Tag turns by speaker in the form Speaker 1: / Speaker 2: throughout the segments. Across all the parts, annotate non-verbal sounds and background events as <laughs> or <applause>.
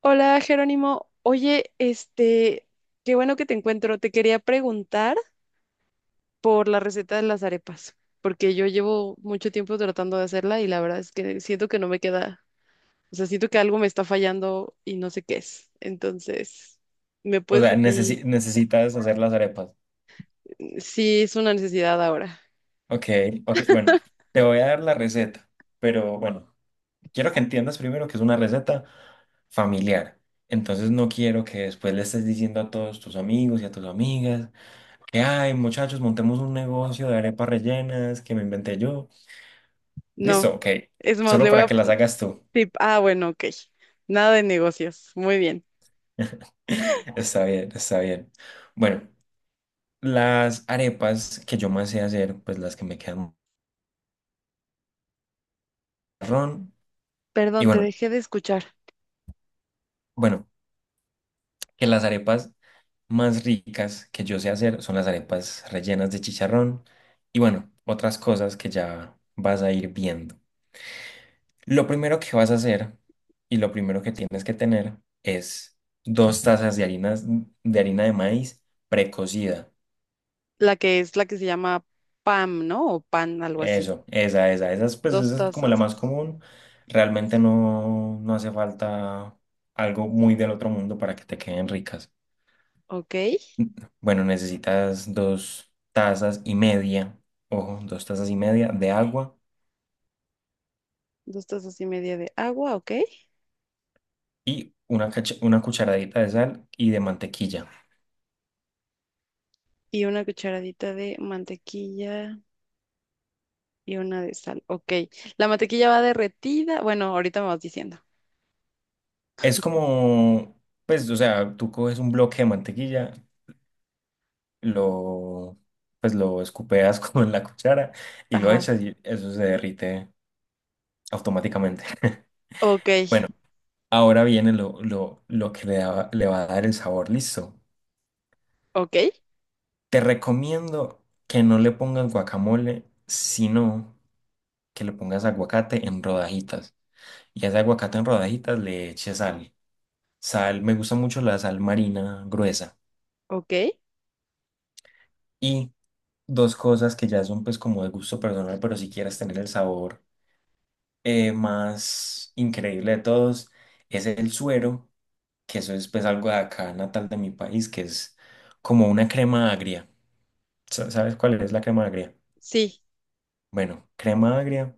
Speaker 1: Hola Jerónimo, oye, qué bueno que te encuentro. Te quería preguntar por la receta de las arepas, porque yo llevo mucho tiempo tratando de hacerla y la verdad es que siento que no me queda, o sea, siento que algo me está fallando y no sé qué es. Entonces, ¿me
Speaker 2: O
Speaker 1: puedes
Speaker 2: sea,
Speaker 1: decir
Speaker 2: necesitas hacer las arepas.
Speaker 1: si es una necesidad ahora?
Speaker 2: Ok, ok, bueno, te voy a dar la receta, pero bueno, quiero que entiendas primero que es una receta familiar. Entonces no quiero que después le estés diciendo a todos tus amigos y a tus amigas que, ay, muchachos, montemos un negocio de arepas rellenas que me inventé yo.
Speaker 1: No,
Speaker 2: Listo, ok,
Speaker 1: es más,
Speaker 2: solo para que las hagas tú.
Speaker 1: sí, bueno, ok. Nada de negocios, muy bien.
Speaker 2: <laughs> Está bien, está bien. Bueno, las arepas que yo más sé hacer, pues las que me quedan marrón. Y
Speaker 1: Perdón, te
Speaker 2: bueno.
Speaker 1: dejé de escuchar.
Speaker 2: Bueno, que las arepas más ricas que yo sé hacer son las arepas rellenas de chicharrón y bueno, otras cosas que ya vas a ir viendo. Lo primero que vas a hacer y lo primero que tienes que tener es dos tazas de harina de maíz precocida.
Speaker 1: La que es la que se llama PAM, ¿no? O PAN, algo así.
Speaker 2: Eso, esa es, pues,
Speaker 1: Dos
Speaker 2: esa es como la más
Speaker 1: tazas,
Speaker 2: común. Realmente no, no hace falta algo muy del otro mundo para que te queden ricas.
Speaker 1: ok.
Speaker 2: Bueno, necesitas dos tazas y media, ojo, dos tazas y media de agua
Speaker 1: Dos tazas y media de agua, ok.
Speaker 2: y una, una cucharadita de sal y de mantequilla.
Speaker 1: Y una cucharadita de mantequilla y una de sal, ok. La mantequilla va derretida. Bueno, ahorita me vas diciendo.
Speaker 2: Es como, pues, o sea, tú coges un bloque de mantequilla, lo, pues, lo escupeas <laughs> con la cuchara y lo
Speaker 1: Ajá.
Speaker 2: echas y eso se derrite automáticamente. <laughs>
Speaker 1: Ok,
Speaker 2: Ahora viene lo que le va a dar el sabor, listo.
Speaker 1: ok,
Speaker 2: Te recomiendo que no le pongas guacamole, sino que le pongas aguacate en rodajitas y a ese aguacate en rodajitas le eches sal. Sal, me gusta mucho la sal marina gruesa.
Speaker 1: ok.
Speaker 2: Y dos cosas que ya son pues como de gusto personal, pero si quieres tener el sabor más increíble de todos, es el suero, que eso es pues algo de acá natal de mi país, que es como una crema agria. ¿Sabes cuál es la crema agria?
Speaker 1: Sí,
Speaker 2: Bueno, crema agria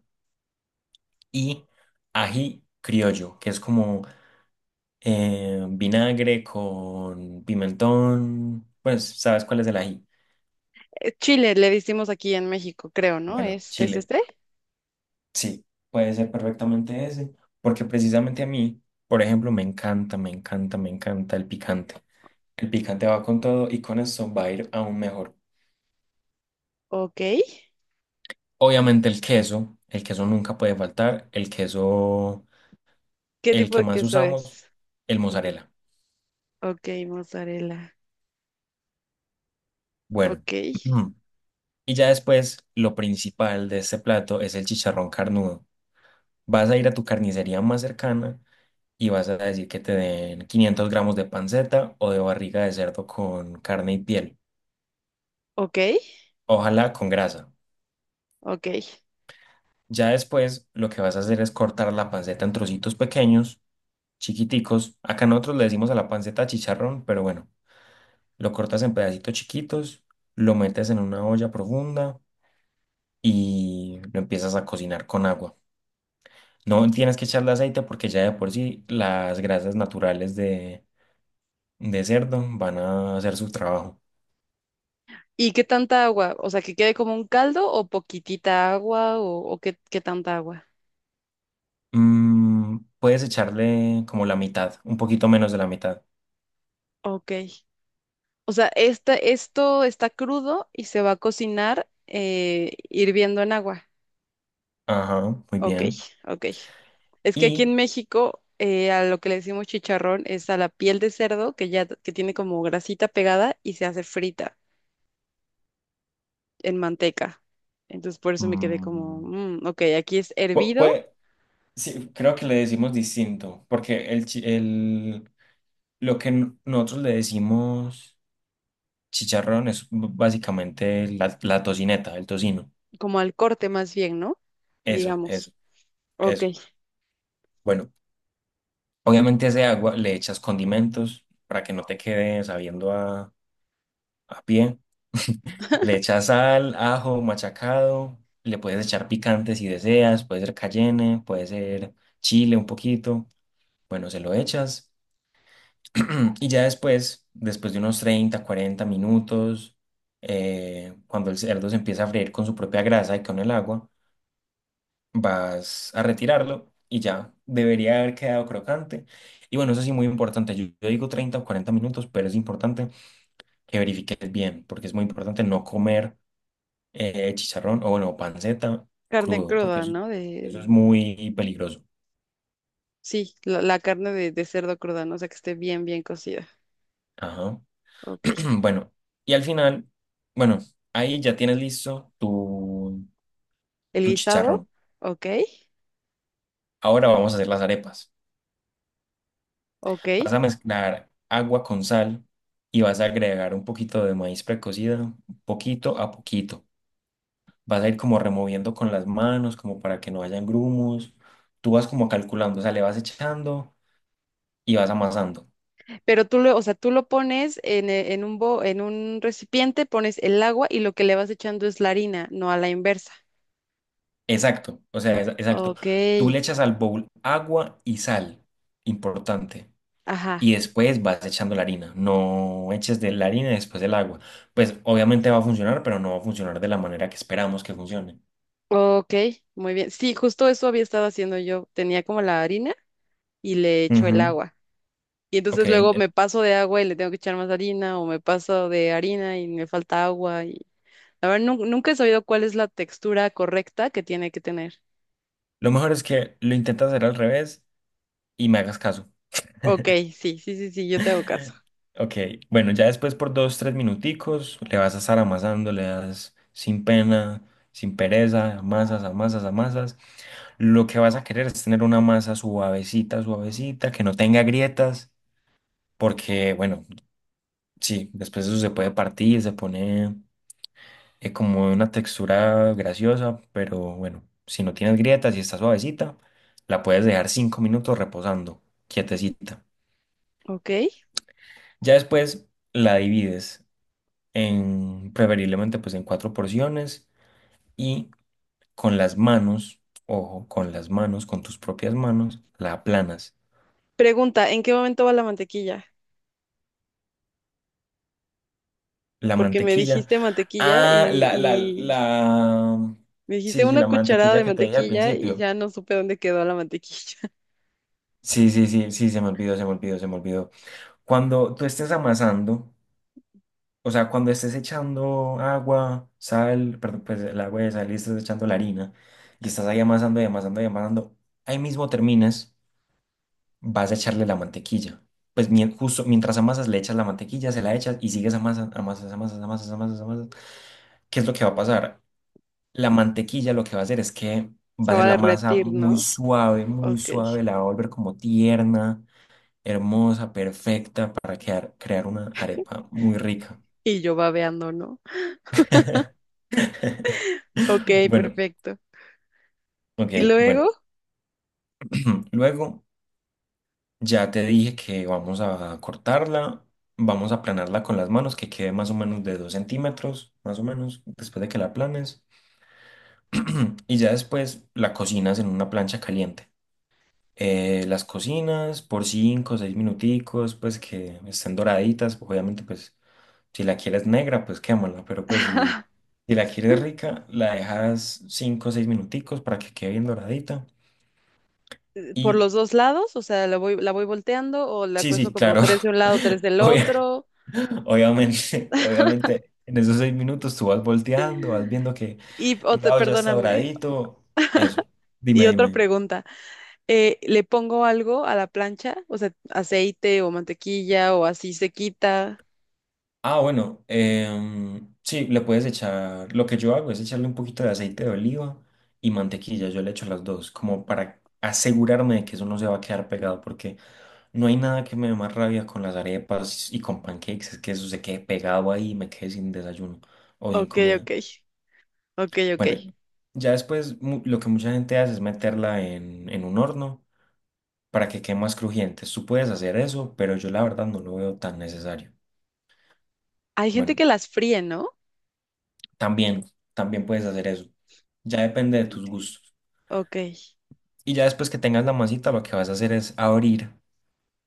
Speaker 2: y ají criollo, que es como vinagre con pimentón, pues sabes cuál es el ají.
Speaker 1: chile le decimos aquí en México, creo, ¿no?
Speaker 2: Bueno,
Speaker 1: ¿Es
Speaker 2: chile.
Speaker 1: este?
Speaker 2: Sí, puede ser perfectamente ese, porque precisamente a mí, por ejemplo, me encanta, me encanta, me encanta el picante. El picante va con todo y con eso va a ir aún mejor.
Speaker 1: Ok.
Speaker 2: Obviamente el queso nunca puede faltar, el queso,
Speaker 1: ¿Qué
Speaker 2: el
Speaker 1: tipo
Speaker 2: que
Speaker 1: de
Speaker 2: más
Speaker 1: queso
Speaker 2: usamos,
Speaker 1: es?
Speaker 2: el
Speaker 1: Ujú.
Speaker 2: mozzarella.
Speaker 1: Ok, mozzarella.
Speaker 2: Bueno,
Speaker 1: Ok,
Speaker 2: <clears throat> y ya después lo principal de este plato es el chicharrón carnudo. Vas a ir a tu carnicería más cercana y vas a decir que te den 500 gramos de panceta o de barriga de cerdo con carne y piel,
Speaker 1: ok,
Speaker 2: ojalá con grasa.
Speaker 1: ok.
Speaker 2: Ya después lo que vas a hacer es cortar la panceta en trocitos pequeños, chiquiticos. Acá nosotros le decimos a la panceta chicharrón, pero bueno, lo cortas en pedacitos chiquitos, lo metes en una olla profunda y lo empiezas a cocinar con agua. No tienes que echarle aceite porque ya de por sí las grasas naturales de cerdo van a hacer su trabajo.
Speaker 1: ¿Y qué tanta agua? O sea, ¿que quede como un caldo o poquitita agua o qué tanta agua?
Speaker 2: Mm, puedes echarle como la mitad, un poquito menos de la mitad.
Speaker 1: Ok. O sea, esto está crudo y se va a cocinar hirviendo en agua.
Speaker 2: Ajá, muy
Speaker 1: Ok,
Speaker 2: bien.
Speaker 1: ok. Es que aquí
Speaker 2: Y
Speaker 1: en México, a lo que le decimos chicharrón es a la piel de cerdo que ya que tiene como grasita pegada y se hace frita en manteca. Entonces por eso me quedé como,
Speaker 2: mm,
Speaker 1: ok, aquí es
Speaker 2: pu-
Speaker 1: hervido,
Speaker 2: pue- sí, creo que le decimos distinto, porque lo que nosotros le decimos chicharrón es básicamente la tocineta, el tocino.
Speaker 1: como al corte más bien, ¿no?
Speaker 2: Eso,
Speaker 1: Digamos.
Speaker 2: eso,
Speaker 1: Ok.
Speaker 2: eso. Bueno, obviamente a ese agua le echas condimentos para que no te quede sabiendo a pie. <laughs> Le echas sal, ajo, machacado. Le puedes echar picante si deseas. Puede ser cayenne, puede ser chile un poquito. Bueno, se lo echas. <clears throat> Y ya después, después de unos 30 40 minutos, cuando el cerdo se empieza a freír con su propia grasa y con el agua, vas a retirarlo y ya debería haber quedado crocante. Y bueno, eso sí, muy importante. Yo digo 30 o 40 minutos, pero es importante que verifiques bien, porque es muy importante no comer chicharrón o bueno, panceta
Speaker 1: Carne
Speaker 2: crudo, porque
Speaker 1: cruda,
Speaker 2: eso,
Speaker 1: ¿no?
Speaker 2: eso es
Speaker 1: De...
Speaker 2: muy peligroso.
Speaker 1: Sí, la carne de cerdo cruda, ¿no? O sea, que esté bien, bien cocida.
Speaker 2: Ajá.
Speaker 1: Ok.
Speaker 2: <clears throat> Bueno, y al final, bueno, ahí ya tienes listo
Speaker 1: El
Speaker 2: tu
Speaker 1: guisado,
Speaker 2: chicharrón.
Speaker 1: ok,
Speaker 2: Ahora vamos a hacer las arepas.
Speaker 1: ok.
Speaker 2: Vas a mezclar agua con sal y vas a agregar un poquito de maíz precocida, poquito a poquito. Vas a ir como removiendo con las manos, como para que no hayan grumos. Tú vas como calculando, o sea, le vas echando y vas amasando.
Speaker 1: Pero tú lo, o sea, tú lo pones en, e- en un bo- en un recipiente, pones el agua y lo que le vas echando es la harina, no a la inversa.
Speaker 2: Exacto, o sea, exacto.
Speaker 1: Ok,
Speaker 2: Tú le echas al bowl agua y sal, importante.
Speaker 1: ajá.
Speaker 2: Y después vas echando la harina. No eches de la harina después del agua. Pues obviamente va a funcionar, pero no va a funcionar de la manera que esperamos que funcione.
Speaker 1: Ok, muy bien. Sí, justo eso había estado haciendo yo. Tenía como la harina y le echo el
Speaker 2: Ujú.
Speaker 1: agua. Y
Speaker 2: Ok,
Speaker 1: entonces luego me paso de agua y le tengo que echar más harina, o me paso de harina y me falta agua. A ver, nunca he sabido cuál es la textura correcta que tiene que tener.
Speaker 2: lo mejor es que lo intentas hacer al revés y me hagas caso.
Speaker 1: Ok, sí, sí, sí, sí, yo te hago caso.
Speaker 2: <laughs> Ok, bueno, ya después por dos, tres minuticos le vas a estar amasando, le das sin pena, sin pereza, amasas, amasas, amasas. Lo que vas a querer es tener una masa suavecita, suavecita, que no tenga grietas, porque, bueno, sí, después eso se puede partir, se pone como una textura graciosa, pero bueno, si no tienes grietas y está suavecita, la puedes dejar cinco minutos reposando, quietecita.
Speaker 1: Ok.
Speaker 2: Ya después la divides en, preferiblemente, pues en cuatro porciones y con las manos, ojo, con las manos, con tus propias manos, la aplanas.
Speaker 1: Pregunta, ¿en qué momento va la mantequilla?
Speaker 2: La
Speaker 1: Porque me
Speaker 2: mantequilla.
Speaker 1: dijiste mantequilla
Speaker 2: Ah,
Speaker 1: y,
Speaker 2: la, la,
Speaker 1: y
Speaker 2: la.
Speaker 1: me dijiste
Speaker 2: Sí, sí,
Speaker 1: una
Speaker 2: la
Speaker 1: cucharada
Speaker 2: mantequilla
Speaker 1: de
Speaker 2: que te dije al
Speaker 1: mantequilla y
Speaker 2: principio.
Speaker 1: ya no supe dónde quedó la mantequilla. <laughs>
Speaker 2: Sí, sí, sí, sí, se me olvidó, se me olvidó, se me olvidó. Cuando tú estés amasando, o sea, cuando estés echando agua, sal, perdón, pues el agua de sal y estés echando la harina y estás ahí amasando y amasando y amasando, ahí mismo terminas, vas a echarle la mantequilla. Pues justo mientras amasas, le echas la mantequilla, se la echas y sigues amasando, amasas, amasas, amasas, amasas, amasas. ¿Qué es lo que va a pasar? La mantequilla lo que va a hacer es que va
Speaker 1: Se
Speaker 2: a
Speaker 1: va
Speaker 2: ser
Speaker 1: a
Speaker 2: la masa
Speaker 1: derretir, ¿no?
Speaker 2: muy
Speaker 1: Ok.
Speaker 2: suave, la va a volver como tierna, hermosa, perfecta para crear una arepa muy rica.
Speaker 1: Y yo babeando, ¿no?
Speaker 2: <laughs>
Speaker 1: Ok,
Speaker 2: Bueno,
Speaker 1: perfecto.
Speaker 2: ok,
Speaker 1: ¿Y
Speaker 2: bueno.
Speaker 1: luego?
Speaker 2: <clears throat> Luego ya te dije que vamos a cortarla, vamos a aplanarla con las manos, que quede más o menos de dos centímetros, más o menos, después de que la aplanes. <clears throat> Y ya después la cocinas en una plancha caliente. Las cocinas por 5 o 6 minuticos, pues que estén doraditas. Obviamente, pues si la quieres negra, pues quémala, pero pues si,
Speaker 1: <laughs>
Speaker 2: si la quieres rica, la dejas 5 o 6 minuticos para que quede bien doradita.
Speaker 1: ¿Por
Speaker 2: Y
Speaker 1: los dos lados? O sea, ¿la voy volteando o la
Speaker 2: sí,
Speaker 1: cuezo
Speaker 2: sí,
Speaker 1: como
Speaker 2: claro,
Speaker 1: tres de un
Speaker 2: <laughs>
Speaker 1: lado, tres del
Speaker 2: obvia-
Speaker 1: otro?
Speaker 2: obviamente, obviamente. En esos seis minutos tú vas volteando, vas viendo que
Speaker 1: Y,
Speaker 2: un lado ya está
Speaker 1: perdóname.
Speaker 2: doradito. Eso.
Speaker 1: Y
Speaker 2: Dime,
Speaker 1: otra
Speaker 2: dime.
Speaker 1: pregunta, ¿le pongo algo a la plancha? O sea, aceite o mantequilla o así se quita.
Speaker 2: Ah, bueno, em, sí, le puedes echar, lo que yo hago es echarle un poquito de aceite de oliva y mantequilla, yo le echo las dos, como para asegurarme de que eso no se va a quedar pegado, porque no hay nada que me dé más rabia con las arepas y con pancakes, es que eso se quede pegado ahí y me quede sin desayuno o sin
Speaker 1: Ok,
Speaker 2: comida.
Speaker 1: ok, ok, ok.
Speaker 2: Bueno, ya después lo que mucha gente hace es meterla en un horno para que quede más crujiente. Tú puedes hacer eso, pero yo la verdad no lo veo tan necesario.
Speaker 1: Hay gente
Speaker 2: Bueno.
Speaker 1: que las fríe, ¿no?
Speaker 2: También, también puedes hacer eso. Ya depende de
Speaker 1: Ok.
Speaker 2: tus gustos.
Speaker 1: Ok,
Speaker 2: Y ya después que tengas la masita, lo que vas a hacer es abrir,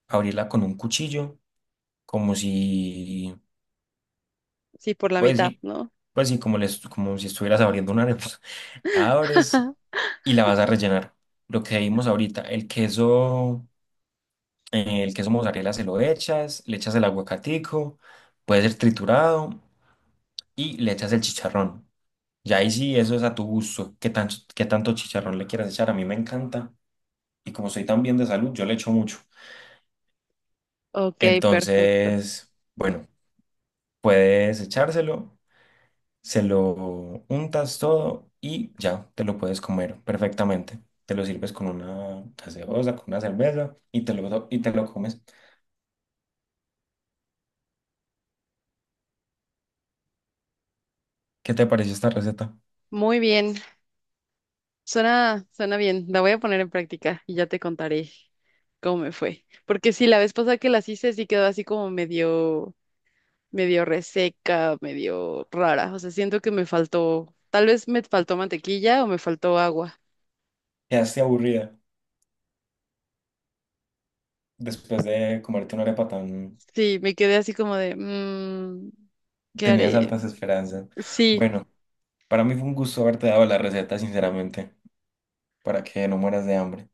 Speaker 2: abrirla con un cuchillo, como si,
Speaker 1: sí, por la
Speaker 2: pues
Speaker 1: mitad,
Speaker 2: sí,
Speaker 1: ¿no?
Speaker 2: pues sí, como, les, como si estuvieras abriendo una arepa. <laughs> La abres y la vas a rellenar. Lo que vimos ahorita, el queso mozzarella se lo echas, le echas el aguacatico, puede ser triturado y le echas el chicharrón. Ya ahí sí, eso es a tu gusto, qué tanto chicharrón le quieras echar. A mí me encanta y como soy tan bien de salud, yo le echo mucho.
Speaker 1: Ok, perfecto.
Speaker 2: Entonces, bueno, puedes echárselo, se lo untas todo y ya te lo puedes comer perfectamente. Te lo sirves con una gaseosa, con una cerveza y te lo comes. ¿Qué te pareció esta receta?
Speaker 1: Muy bien, suena, suena bien. La voy a poner en práctica y ya te contaré cómo me fue. Porque sí, la vez pasada que las hice sí quedó así como medio reseca, medio rara. O sea, siento que me faltó, tal vez me faltó mantequilla o me faltó agua.
Speaker 2: Quedaste aburrida después de comerte una arepa tan.
Speaker 1: Sí, me quedé así como de, "Mm, ¿qué
Speaker 2: Tenías
Speaker 1: haré?".
Speaker 2: altas esperanzas.
Speaker 1: Sí,
Speaker 2: Bueno, para mí fue un gusto haberte dado la receta, sinceramente, para que no mueras de hambre.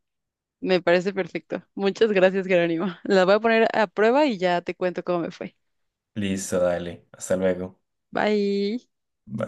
Speaker 1: me parece perfecto. Muchas gracias, Jerónimo. <laughs> La voy a poner a prueba y ya te cuento cómo me fue.
Speaker 2: Listo, dale. Hasta luego.
Speaker 1: Bye.
Speaker 2: Bye.